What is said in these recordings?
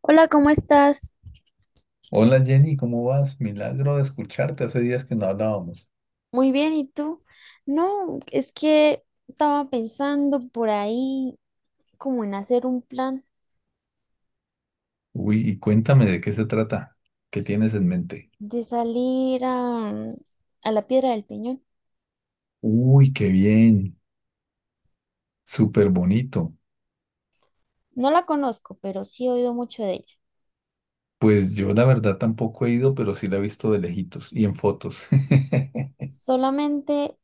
Hola, ¿cómo estás? Hola Jenny, ¿cómo vas? Milagro de escucharte, hace días que no hablábamos. Muy bien, ¿y tú? No, es que estaba pensando por ahí como en hacer un plan Uy, y cuéntame de qué se trata, qué tienes en mente. de salir a la Piedra del Peñón. Uy, qué bien, súper bonito. No la conozco, pero sí he oído mucho de ella. Pues yo la verdad tampoco he ido, pero sí la he visto de lejitos y en fotos. Solamente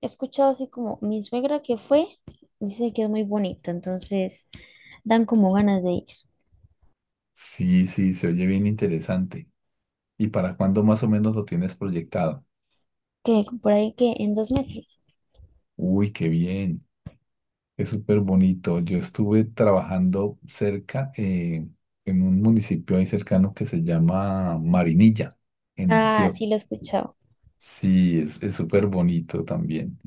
he escuchado así como mi suegra que fue, dice que es muy bonito, entonces dan como ganas de ir. Sí, sí, se oye bien interesante. ¿Y para cuándo más o menos lo tienes proyectado? Que por ahí que en 2 meses. Uy, qué bien. Es súper bonito. Yo estuve trabajando cerca, en un municipio ahí cercano que se llama Marinilla, en Ah, Antioquia. sí lo he escuchado. Sí, es súper bonito también.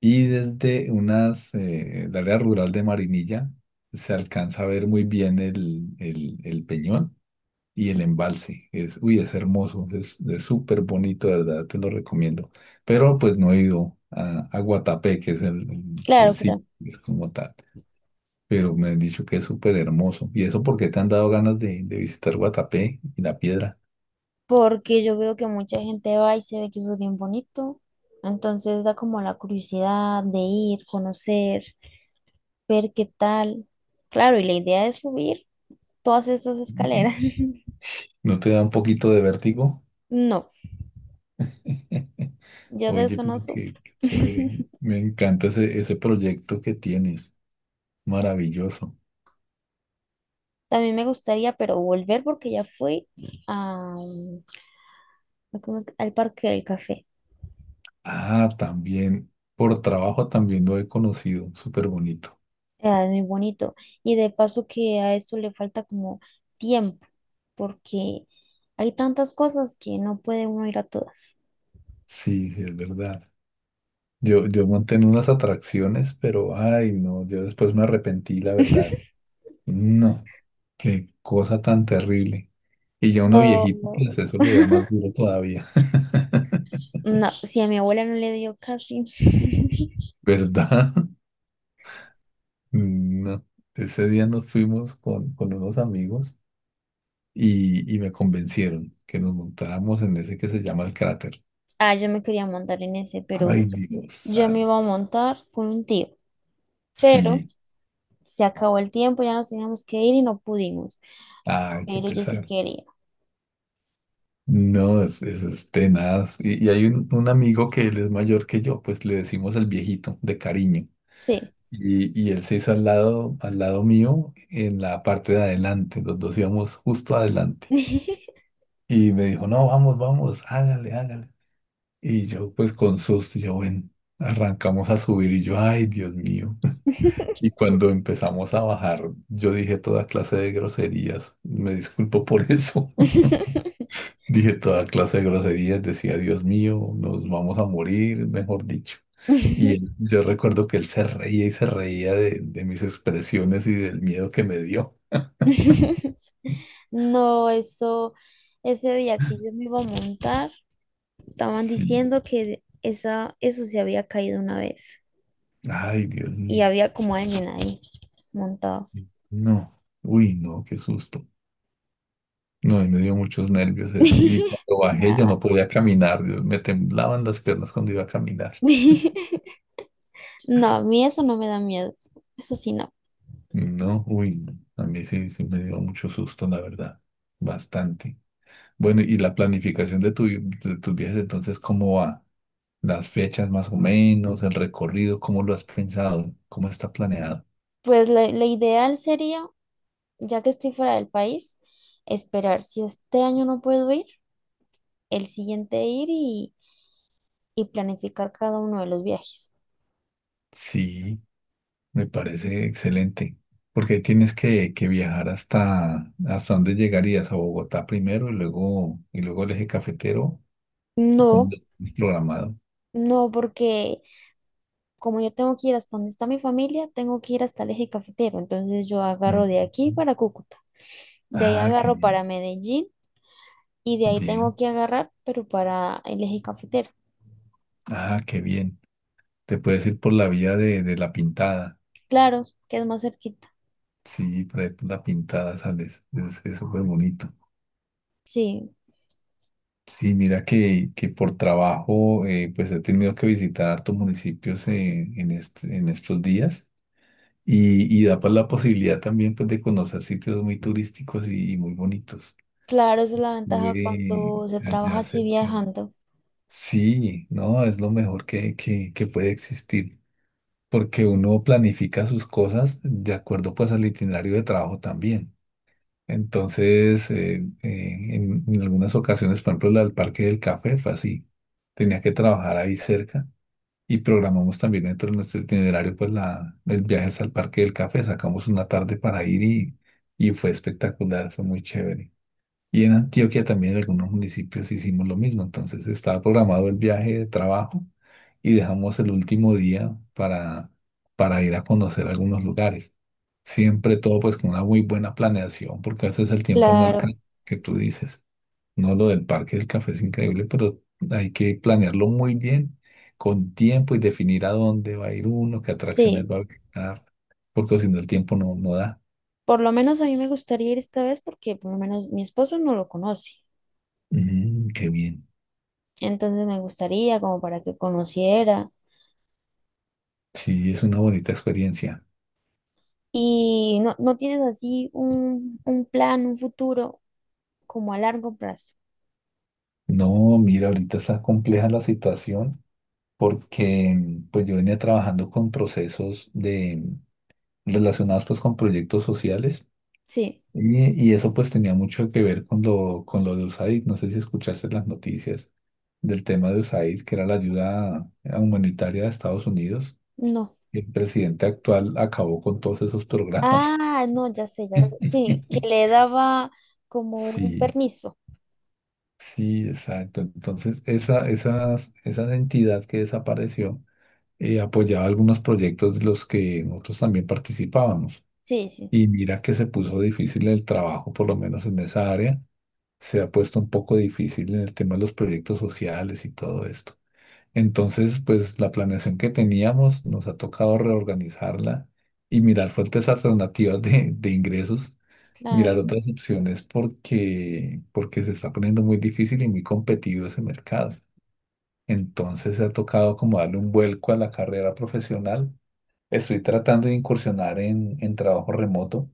Y desde unas, el área rural de Marinilla se alcanza a ver muy bien el peñón y el embalse. Uy, es hermoso, es súper bonito, de verdad, te lo recomiendo. Pero pues no he ido a Guatapé, que es el Claro, sitio, claro. es como tal, pero me han dicho que es súper hermoso. ¿Y eso por qué te han dado ganas de visitar Guatapé y la piedra? Porque yo veo que mucha gente va y se ve que eso es bien bonito. Entonces da como la curiosidad de ir, conocer, ver qué tal. Claro, y la idea es subir todas esas escaleras. ¿No te da un poquito de vértigo? No, yo de Oye, eso no pero qué, sufro. qué chévere. Me encanta ese proyecto que tienes. Maravilloso. También me gustaría, pero volver porque ya fui a, ¿cómo es que? Al Parque del Café. Ah, también, por trabajo también lo he conocido. Súper bonito. Ah, es muy bonito. Y de paso que a eso le falta como tiempo, porque hay tantas cosas que no puede uno ir a todas. Sí, sí, es verdad. Yo monté en unas atracciones, pero ay, no, yo después me arrepentí, la verdad. No, qué cosa tan terrible. Y ya uno viejito, No, pues eso le da más duro todavía. no, si a mi abuela no le dio casi. ¿Verdad? No. Ese día nos fuimos con unos amigos y me convencieron que nos montáramos en ese que se llama el cráter. Ah, yo me quería montar en ese, pero Ay, Dios yo me santo. iba a montar con un tío. Pero Sí, se acabó el tiempo, ya nos teníamos que ir y no pudimos. ay, qué Pero yo sí pesar. quería. No, eso es tenaz. Y hay un amigo que él es mayor que yo, pues le decimos el viejito de cariño. Sí. Y él se hizo al lado mío, en la parte de adelante. Los dos íbamos justo adelante. Y me dijo, no, vamos, vamos, hágale, hágale. Y yo, pues con susto, yo, bueno, arrancamos a subir y yo, ay, Dios mío. Y cuando empezamos a bajar, yo dije toda clase de groserías. Me disculpo por eso. Dije toda clase de groserías, decía, Dios mío, nos vamos a morir, mejor dicho. Yo recuerdo que él se reía y se reía de mis expresiones y del miedo que me dio. No, eso, ese día que yo me iba a montar, estaban Sí. diciendo que eso se había caído 1 vez Ay, Dios y mío. había como alguien ahí montado. No. Uy, no, qué susto. No, y me dio muchos nervios eso. Y cuando bajé yo Nada. no podía caminar. Dios, me temblaban las piernas cuando iba a caminar. No, a mí eso no me da miedo. Eso sí, no. No, uy, no. A mí sí, sí me dio mucho susto, la verdad. Bastante. Bueno, y la planificación de tus viajes, entonces, ¿cómo va? Las fechas más o menos, el recorrido, ¿cómo lo has pensado? ¿Cómo está planeado? Pues la ideal sería, ya que estoy fuera del país, esperar si este año no puedo ir, el siguiente ir y planificar cada uno de los viajes. Sí, me parece excelente. Porque ahí tienes que viajar hasta dónde llegarías, a Bogotá primero y luego, el eje cafetero, o cómo No, lo tienes programado. no, porque como yo tengo que ir hasta donde está mi familia, tengo que ir hasta el eje cafetero. Entonces yo Ujú. agarro de aquí para Cúcuta, de ahí Ah, qué agarro bien. para Medellín y de ahí Bien. tengo que agarrar, pero para el eje cafetero. Ah, qué bien. Te puedes ir por la vía de la pintada. Claro, que es más cerquita. Sí, por ahí por la pintada sales. Es súper bonito. Sí, Sí, mira que por trabajo pues he tenido que visitar hartos municipios en, en estos días y da pues la posibilidad también pues de conocer sitios muy turísticos y muy bonitos. claro, esa es la ventaja Estuve cuando se trabaja allá así cerca. viajando. Sí, no, es lo mejor que puede existir porque uno planifica sus cosas de acuerdo pues al itinerario de trabajo también. Entonces, en, algunas ocasiones, por ejemplo, la del Parque del Café fue así. Tenía que trabajar ahí cerca y programamos también dentro de nuestro itinerario, pues, el viaje hasta el Parque del Café. Sacamos una tarde para ir y fue espectacular, fue muy chévere. Y en Antioquia también en algunos municipios hicimos lo mismo. Entonces estaba programado el viaje de trabajo y dejamos el último día para ir a conocer algunos lugares. Siempre todo pues con una muy buena planeación, porque a veces el tiempo no Claro, alcanza, que tú dices. No, lo del parque del café es increíble, pero hay que planearlo muy bien, con tiempo y definir a dónde va a ir uno, qué atracciones sí. va a visitar, porque si no el tiempo no da. Por lo menos a mí me gustaría ir esta vez porque por lo menos mi esposo no lo conoce. Qué bien. Entonces me gustaría como para que conociera. Sí, es una bonita experiencia. Y no, no tienes así un plan, un futuro como a largo plazo. No, mira, ahorita está compleja la situación porque pues yo venía trabajando con procesos de relacionados pues con proyectos sociales Sí, y eso pues tenía mucho que ver con lo de USAID. No sé si escuchaste las noticias del tema de USAID, que era la ayuda humanitaria de Estados Unidos. no. El presidente actual acabó con todos esos programas. Ah, no, ya sé, ya sé. Sí, que le daba como un Sí, permiso. sí, exacto. Entonces, esa entidad que desapareció apoyaba algunos proyectos de los que nosotros también participábamos. Sí, sí, Y mira que se puso difícil el trabajo, por lo menos en esa área. Se ha puesto un poco difícil en el tema de los proyectos sociales y todo esto. Entonces, pues la planeación que teníamos nos ha tocado reorganizarla y mirar fuentes alternativas de ingresos, mirar claro, otras opciones porque, porque se está poniendo muy difícil y muy competido ese mercado. Entonces, se ha tocado como darle un vuelco a la carrera profesional. Estoy tratando de incursionar en trabajo remoto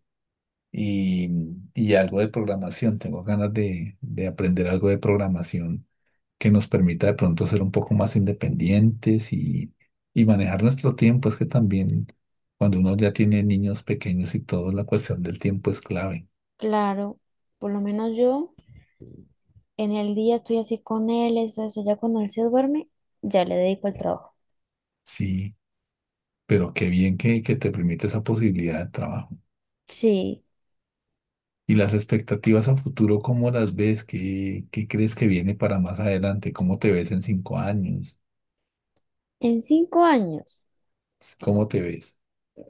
y, y algo de programación. Tengo ganas de aprender algo de programación que nos permita de pronto ser un poco más independientes y manejar nuestro tiempo. Es que también cuando uno ya tiene niños pequeños y todo, la cuestión del tiempo es clave. claro. Por lo menos yo. En el día estoy así con él, eso, eso. Ya cuando él se duerme, ya le dedico el trabajo. Sí, pero qué bien que te permite esa posibilidad de trabajo. Sí, ¿Y las expectativas a futuro, cómo las ves? ¿Qué crees que viene para más adelante? ¿Cómo te ves en cinco años? en 5 años, ¿Cómo te ves?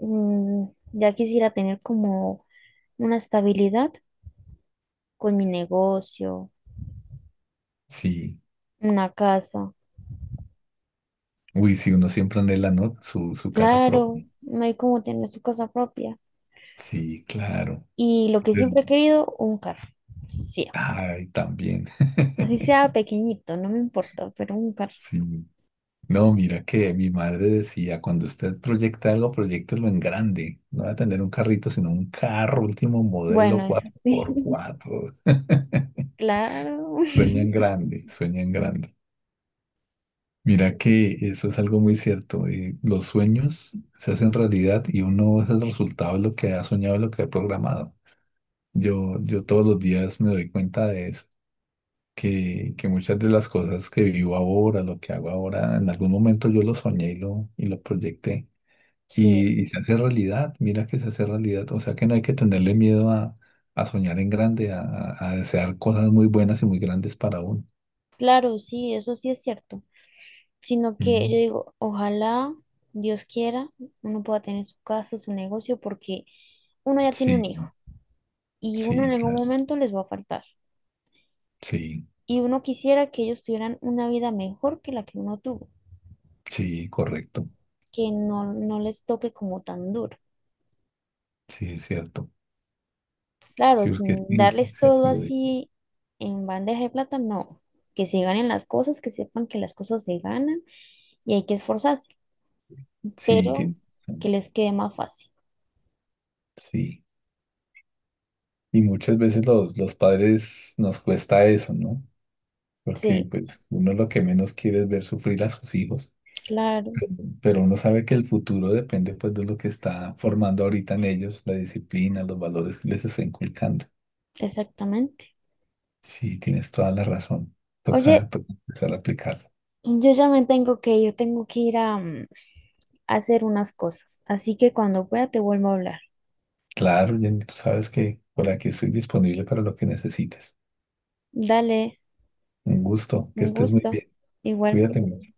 mm, ya quisiera tener como una estabilidad con mi negocio, Sí. una casa. Uy, si uno siempre anhela, ¿no? Su casa Claro, propia. no hay como tener su casa propia. Sí, claro. Y lo que siempre he Eh, querido, un carro. Sí, Ay, también. así sea pequeñito, no me importa, pero un carro. Sí. No, mira que mi madre decía, cuando usted proyecta algo, proyectelo en grande. No va a tener un carrito, sino un carro último Bueno, modelo eso cuatro sí, por cuatro. claro. Sueña en grande, sueña en grande. Mira que eso es algo muy cierto. Los sueños se hacen realidad y uno es el resultado de lo que ha soñado, y lo que ha programado. Yo todos los días me doy cuenta de eso, que muchas de las cosas que vivo ahora, lo que hago ahora, en algún momento yo lo soñé y lo proyecté. Sí. Y se hace realidad, mira que se hace realidad. O sea que no hay que tenerle miedo a soñar en grande, a, a desear cosas muy buenas y muy grandes para uno. Claro, sí, eso sí es cierto. Sino que yo Mm, digo, ojalá Dios quiera, uno pueda tener su casa, su negocio, porque uno ya tiene un sí, hijo y uno en sí, algún claro. momento les va a faltar. Sí, Y uno quisiera que ellos tuvieran una vida mejor que la que uno tuvo, sí, correcto. que no, no les toque como tan duro. Sí, es cierto. Claro, Sí, porque sí, sin sí, darles todo sí, así en bandeja de plata, no. Que se ganen las cosas, que sepan que las cosas se ganan y hay que esforzarse, sí, pero que les quede más fácil. sí. Y muchas veces los padres nos cuesta eso, ¿no? Porque Sí. pues uno lo que menos quiere es ver sufrir a sus hijos, Claro, pero pero uno sabe que el futuro depende pues de lo que está formando ahorita en ellos, la disciplina, los valores que les está inculcando. exactamente. Sí, tienes toda la razón. Toca, Oye, toca empezar a aplicarlo. yo ya me tengo que ir a, a hacer unas cosas, así que cuando pueda te vuelvo a hablar. Claro, Jenny, tú sabes que por aquí estoy disponible para lo que necesites. Dale, Un gusto, que un estés muy gusto, bien. igualmente. Cuídate.